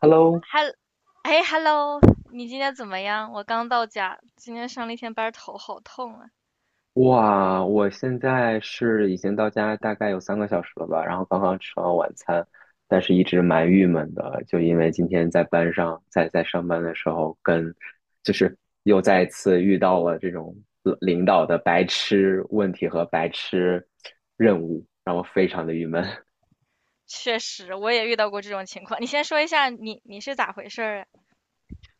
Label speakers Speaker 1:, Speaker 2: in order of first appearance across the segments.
Speaker 1: Hello，
Speaker 2: 哈，哎，hello，你今天怎么样？我刚到家，今天上了一天班儿，头好痛啊。
Speaker 1: 哇，我现在是已经到家大概有3个小时了吧，然后刚刚吃完晚餐，但是一直蛮郁闷的，就因为今天在班上，在上班的时候跟，就是又再一次遇到了这种领导的白痴问题和白痴任务，让我非常的郁闷。
Speaker 2: 确实，我也遇到过这种情况。你先说一下你是咋回事儿啊？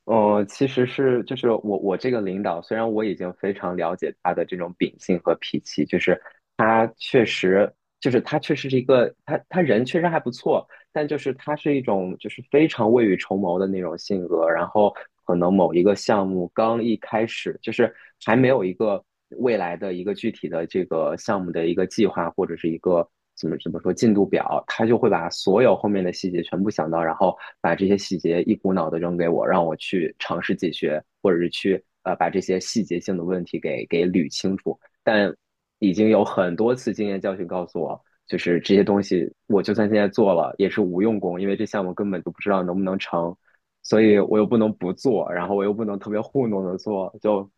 Speaker 1: 其实是就是我这个领导，虽然我已经非常了解他的这种秉性和脾气，就是他确实就是他确实是一个他人确实还不错，但就是他是一种就是非常未雨绸缪的那种性格，然后可能某一个项目刚一开始，就是还没有一个未来的一个具体的这个项目的一个计划或者是一个怎么说进度表，他就会把所有后面的细节全部想到，然后把这些细节一股脑的扔给我，让我去尝试解决，或者是去把这些细节性的问题给捋清楚，但。已经有很多次经验教训告诉我，就是这些东西，我就算现在做了，也是无用功，因为这项目根本就不知道能不能成，所以我又不能不做，然后我又不能特别糊弄的做，就，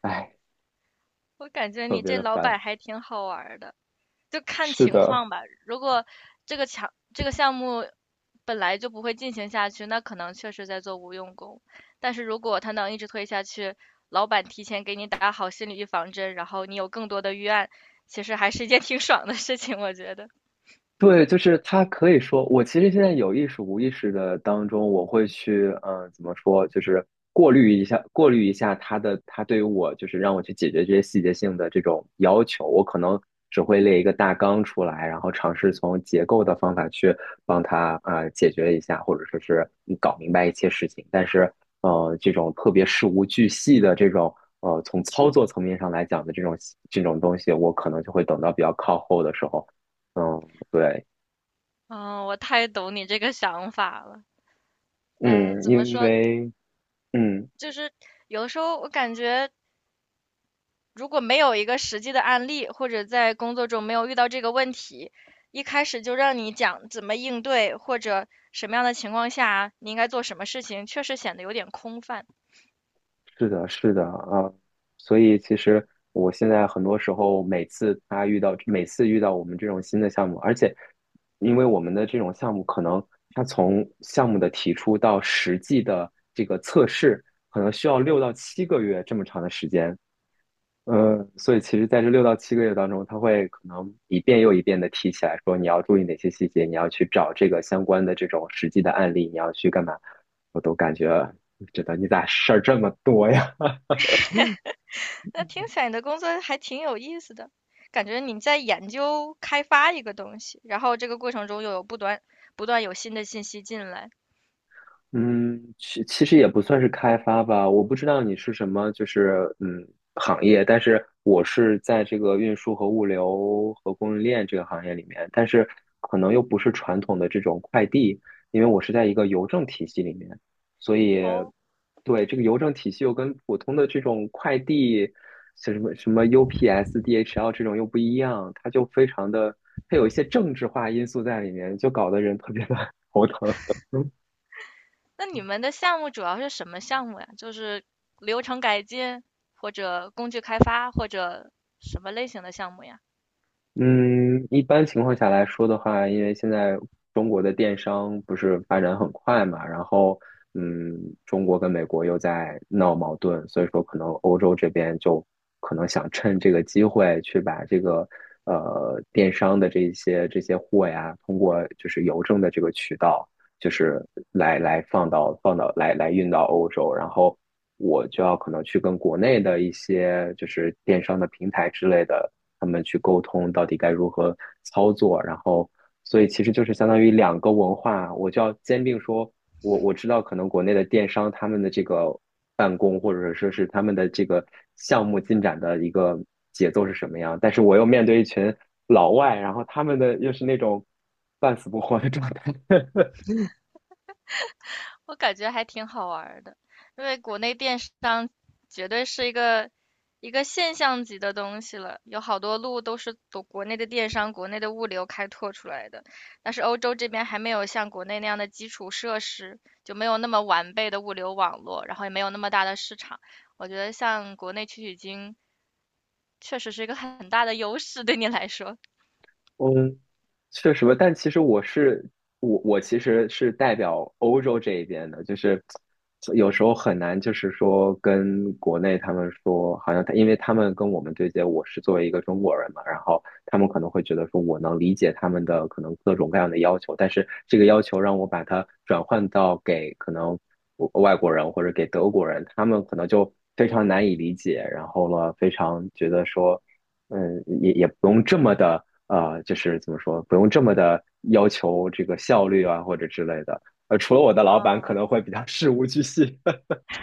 Speaker 1: 唉，
Speaker 2: 我感觉
Speaker 1: 特
Speaker 2: 你
Speaker 1: 别
Speaker 2: 这
Speaker 1: 的
Speaker 2: 老
Speaker 1: 烦。
Speaker 2: 板还挺好玩儿的，就看
Speaker 1: 是
Speaker 2: 情
Speaker 1: 的，
Speaker 2: 况吧。如果这个强这个项目本来就不会进行下去，那可能确实在做无用功。但是如果他能一直推下去，老板提前给你打好心理预防针，然后你有更多的预案，其实还是一件挺爽的事情，我觉得。
Speaker 1: 对，就是他可以说，我其实现在有意识无意识的当中，我会去，怎么说，就是过滤一下，过滤一下他的，他对于我，就是让我去解决这些细节性的这种要求，我可能只会列一个大纲出来，然后尝试从结构的方法去帮他解决一下，或者说是搞明白一些事情，但是，这种特别事无巨细的这种。从操作层面上来讲的这种东西，我可能就会等到比较靠后的时候。嗯，对，
Speaker 2: 嗯，我太懂你这个想法了。哎，
Speaker 1: 嗯，
Speaker 2: 怎么
Speaker 1: 因
Speaker 2: 说？
Speaker 1: 为，嗯，
Speaker 2: 就是有的时候我感觉，如果没有一个实际的案例，或者在工作中没有遇到这个问题，一开始就让你讲怎么应对，或者什么样的情况下你应该做什么事情，确实显得有点空泛。
Speaker 1: 是的，是的啊，所以其实我现在很多时候，每次他遇到，每次遇到我们这种新的项目，而且，因为我们的这种项目，可能它从项目的提出到实际的这个测试，可能需要六到七个月这么长的时间，所以其实在这六到七个月当中，他会可能一遍又一遍的提起来说，你要注意哪些细节，你要去找这个相关的这种实际的案例，你要去干嘛，我都感觉觉得你咋事儿这么多呀？
Speaker 2: 那听起来你的工作还挺有意思的，感觉你在研究开发一个东西，然后这个过程中又有不断有新的信息进来。
Speaker 1: 嗯，其实也不算是开发吧，我不知道你是什么，就是行业，但是我是在这个运输和物流和供应链这个行业里面，但是可能又不是传统的这种快递，因为我是在一个邮政体系里面，所以
Speaker 2: 哦，
Speaker 1: 对这个邮政体系又跟普通的这种快递，像什么 UPS、DHL 这种又不一样，它就非常的，它有一些政治化因素在里面，就搞得人特别的 头疼。
Speaker 2: 那你们的项目主要是什么项目呀？就是流程改进，或者工具开发，或者什么类型的项目呀？
Speaker 1: 嗯，一般情况下来说的话，因为现在中国的电商不是发展很快嘛，然后嗯，中国跟美国又在闹矛盾，所以说可能欧洲这边就可能想趁这个机会去把这个电商的这些货呀，通过就是邮政的这个渠道，就是来放到来运到欧洲，然后我就要可能去跟国内的一些就是电商的平台之类的，他们去沟通到底该如何操作，然后所以其实就是相当于两个文化，我就要兼并说，我知道可能国内的电商他们的这个办公或者说是他们的这个项目进展的一个节奏是什么样，但是我又面对一群老外，然后他们的又是那种半死不活的状态。
Speaker 2: 我感觉还挺好玩儿的，因为国内电商绝对是一个现象级的东西了，有好多路都是国内的电商、国内的物流开拓出来的，但是欧洲这边还没有像国内那样的基础设施，就没有那么完备的物流网络，然后也没有那么大的市场。我觉得像国内取经确实是一个很大的优势，对你来说。
Speaker 1: 嗯，确实吧，但其实我是我其实是代表欧洲这一边的，就是有时候很难，就是说跟国内他们说，好像他因为他们跟我们对接，我是作为一个中国人嘛，然后他们可能会觉得说我能理解他们的可能各种各样的要求，但是这个要求让我把它转换到给可能外国人或者给德国人，他们可能就非常难以理解，然后了非常觉得说。嗯，也不用这么的，就是怎么说，不用这么的要求这个效率啊，或者之类的。除了我的老板可能
Speaker 2: 嗯，
Speaker 1: 会比较 事无巨细，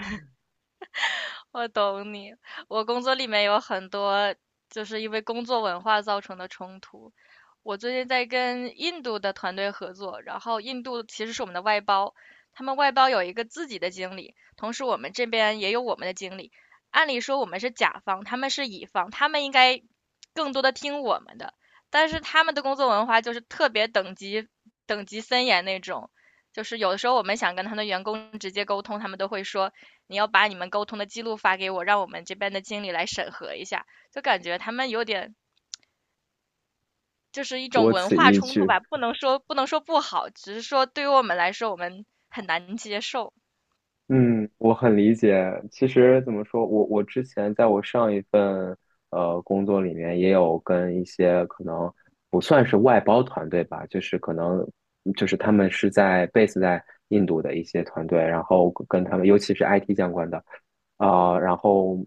Speaker 2: 我懂你，我工作里面有很多就是因为工作文化造成的冲突，我最近在跟印度的团队合作，然后印度其实是我们的外包，他们外包有一个自己的经理，同时我们这边也有我们的经理。按理说我们是甲方，他们是乙方，他们应该更多的听我们的，但是他们的工作文化就是特别等级森严那种，就是有的时候我们想跟他们的员工直接沟通，他们都会说你要把你们沟通的记录发给我，让我们这边的经理来审核一下，就感觉他们有点。就是一种
Speaker 1: 多
Speaker 2: 文
Speaker 1: 此
Speaker 2: 化
Speaker 1: 一
Speaker 2: 冲突
Speaker 1: 举。
Speaker 2: 吧，不能说不好，只是说对于我们来说，我们很难接受。
Speaker 1: 嗯，我很理解。其实怎么说，我之前在我上一份工作里面，也有跟一些可能不算是外包团队吧，就是可能就是他们是在 base 在印度的一些团队，然后跟他们，尤其是 IT 相关的，然后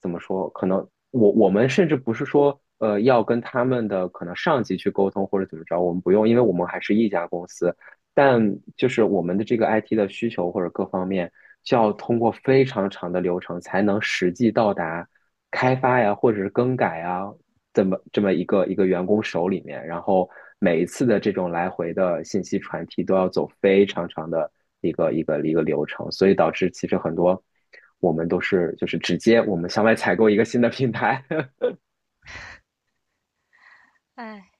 Speaker 1: 怎么说，可能我们甚至不是说要跟他们的可能上级去沟通或者怎么着，我们不用，因为我们还是一家公司。但就是我们的这个 IT 的需求或者各方面，就要通过非常长的流程才能实际到达开发呀，或者是更改呀，这么一个一个员工手里面。然后每一次的这种来回的信息传递都要走非常长的一个流程，所以导致其实很多我们都是就是直接我们向外采购一个新的 品牌。
Speaker 2: 唉，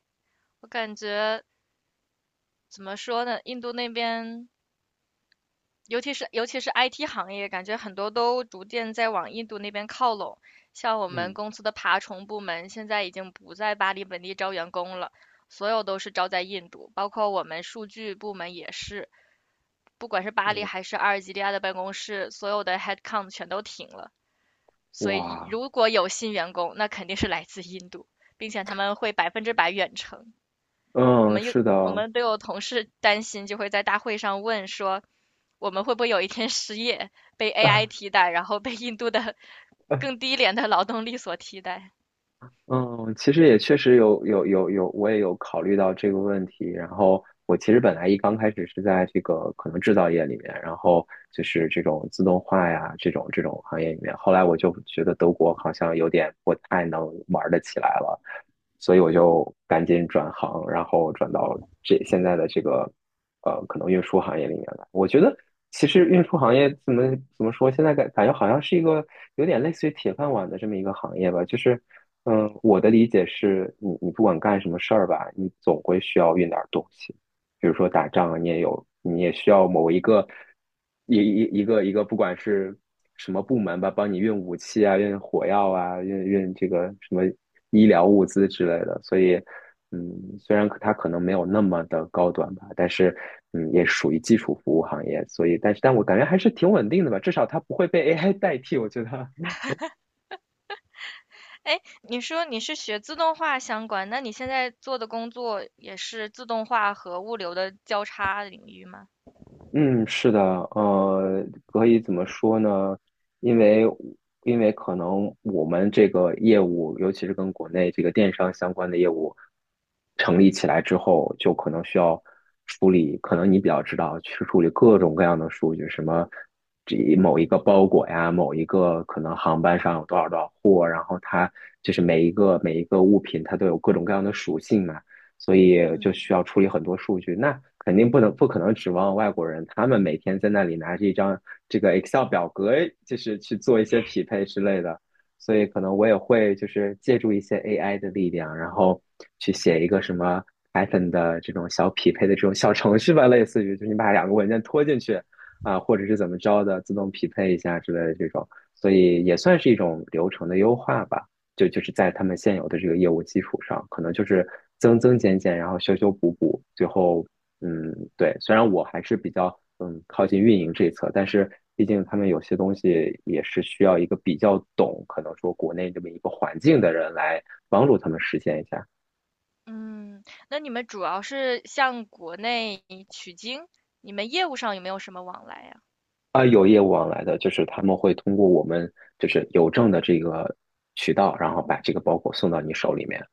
Speaker 2: 我感觉怎么说呢，印度那边，尤其是 IT 行业，感觉很多都逐渐在往印度那边靠拢。像我们
Speaker 1: 嗯
Speaker 2: 公司的爬虫部门，现在已经不在巴黎本地招员工了，所有都是招在印度，包括我们数据部门也是，不管是巴黎
Speaker 1: 嗯，
Speaker 2: 还是阿尔及利亚的办公室，所有的 headcount 全都停了。所以
Speaker 1: 哇，
Speaker 2: 如果有新员工，那肯定是来自印度，并且他们会百分之百远程。我
Speaker 1: 嗯，
Speaker 2: 们又
Speaker 1: 是
Speaker 2: 我
Speaker 1: 的。
Speaker 2: 们都有同事担心，就会在大会上问说，我们会不会有一天失业，被 AI 替代，然后被印度的 更低廉的劳动力所替代？
Speaker 1: 嗯，其实也确实有，我也有考虑到这个问题。然后我其实本来一刚开始是在这个可能制造业里面，然后就是这种自动化呀这种行业里面。后来我就觉得德国好像有点不太能玩得起来了，所以我就赶紧转行，然后转到这现在的这个可能运输行业里面来。我觉得其实运输行业怎么说，现在感觉好像是一个有点类似于铁饭碗的这么一个行业吧，就是。嗯，我的理解是你，你不管干什么事儿吧，你总会需要运点儿东西，比如说打仗啊，你也有，你也需要某一个一个，不管是什么部门吧，帮你运武器啊，运火药啊，运这个什么医疗物资之类的。所以，嗯，虽然它可能没有那么的高端吧，但是嗯，也属于基础服务行业。所以，但是但我感觉还是挺稳定的吧，至少它不会被 AI 代替，我觉得。
Speaker 2: 哎，你说你是学自动化相关，那你现在做的工作也是自动化和物流的交叉领域吗？
Speaker 1: 嗯，是的，可以怎么说呢？因为可能我们这个业务，尤其是跟国内这个电商相关的业务成立起来之后，就可能需要处理，可能你比较知道，去处理各种各样的数据，什么这某一个包裹呀，某一个可能航班上有多少多少货，然后它就是每一个物品，它都有各种各样的属性嘛。所以就
Speaker 2: 嗯，
Speaker 1: 需要处理很多数据。那肯定不能不可能指望外国人，他们每天在那里拿着一张这个 Excel 表格，就是去做一些匹配之类的。所以可能我也会就是借助一些 AI 的力量，然后去写一个什么 Python 的这种小匹配的这种小程序吧，类似于就是你把两个文件拖进去啊，或者是怎么着的，自动匹配一下之类的这种。所以也算是一种流程的优化吧。就是在他们现有的这个业务基础上，可能就是增增减减，然后修修补补，最后嗯，对，虽然我还是比较靠近运营这一侧，但是毕竟他们有些东西也是需要一个比较懂，可能说国内这么一个环境的人来帮助他们实现一下。
Speaker 2: 嗯，那你们主要是向国内取经，你们业务上有没有什么往来呀？
Speaker 1: 啊，有业务往来的，就是他们会通过我们就是邮政的这个渠道，然后把这个包裹送到你手里面。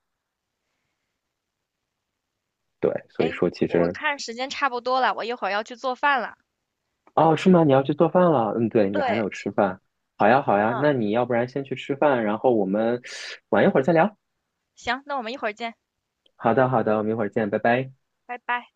Speaker 1: 对，所以
Speaker 2: 哎，
Speaker 1: 说其
Speaker 2: 我
Speaker 1: 实
Speaker 2: 看时间差不多了，我一会儿要去做饭了。
Speaker 1: 哦，是吗？你要去做饭了？嗯，对，你还没
Speaker 2: 对，
Speaker 1: 有吃饭。好呀，好呀，
Speaker 2: 嗯，
Speaker 1: 那你要不然先去吃饭，然后我们 晚一会儿再聊。
Speaker 2: 行，那我们一会儿见，
Speaker 1: 好的，好的，我们一会儿见，拜拜。
Speaker 2: 拜拜。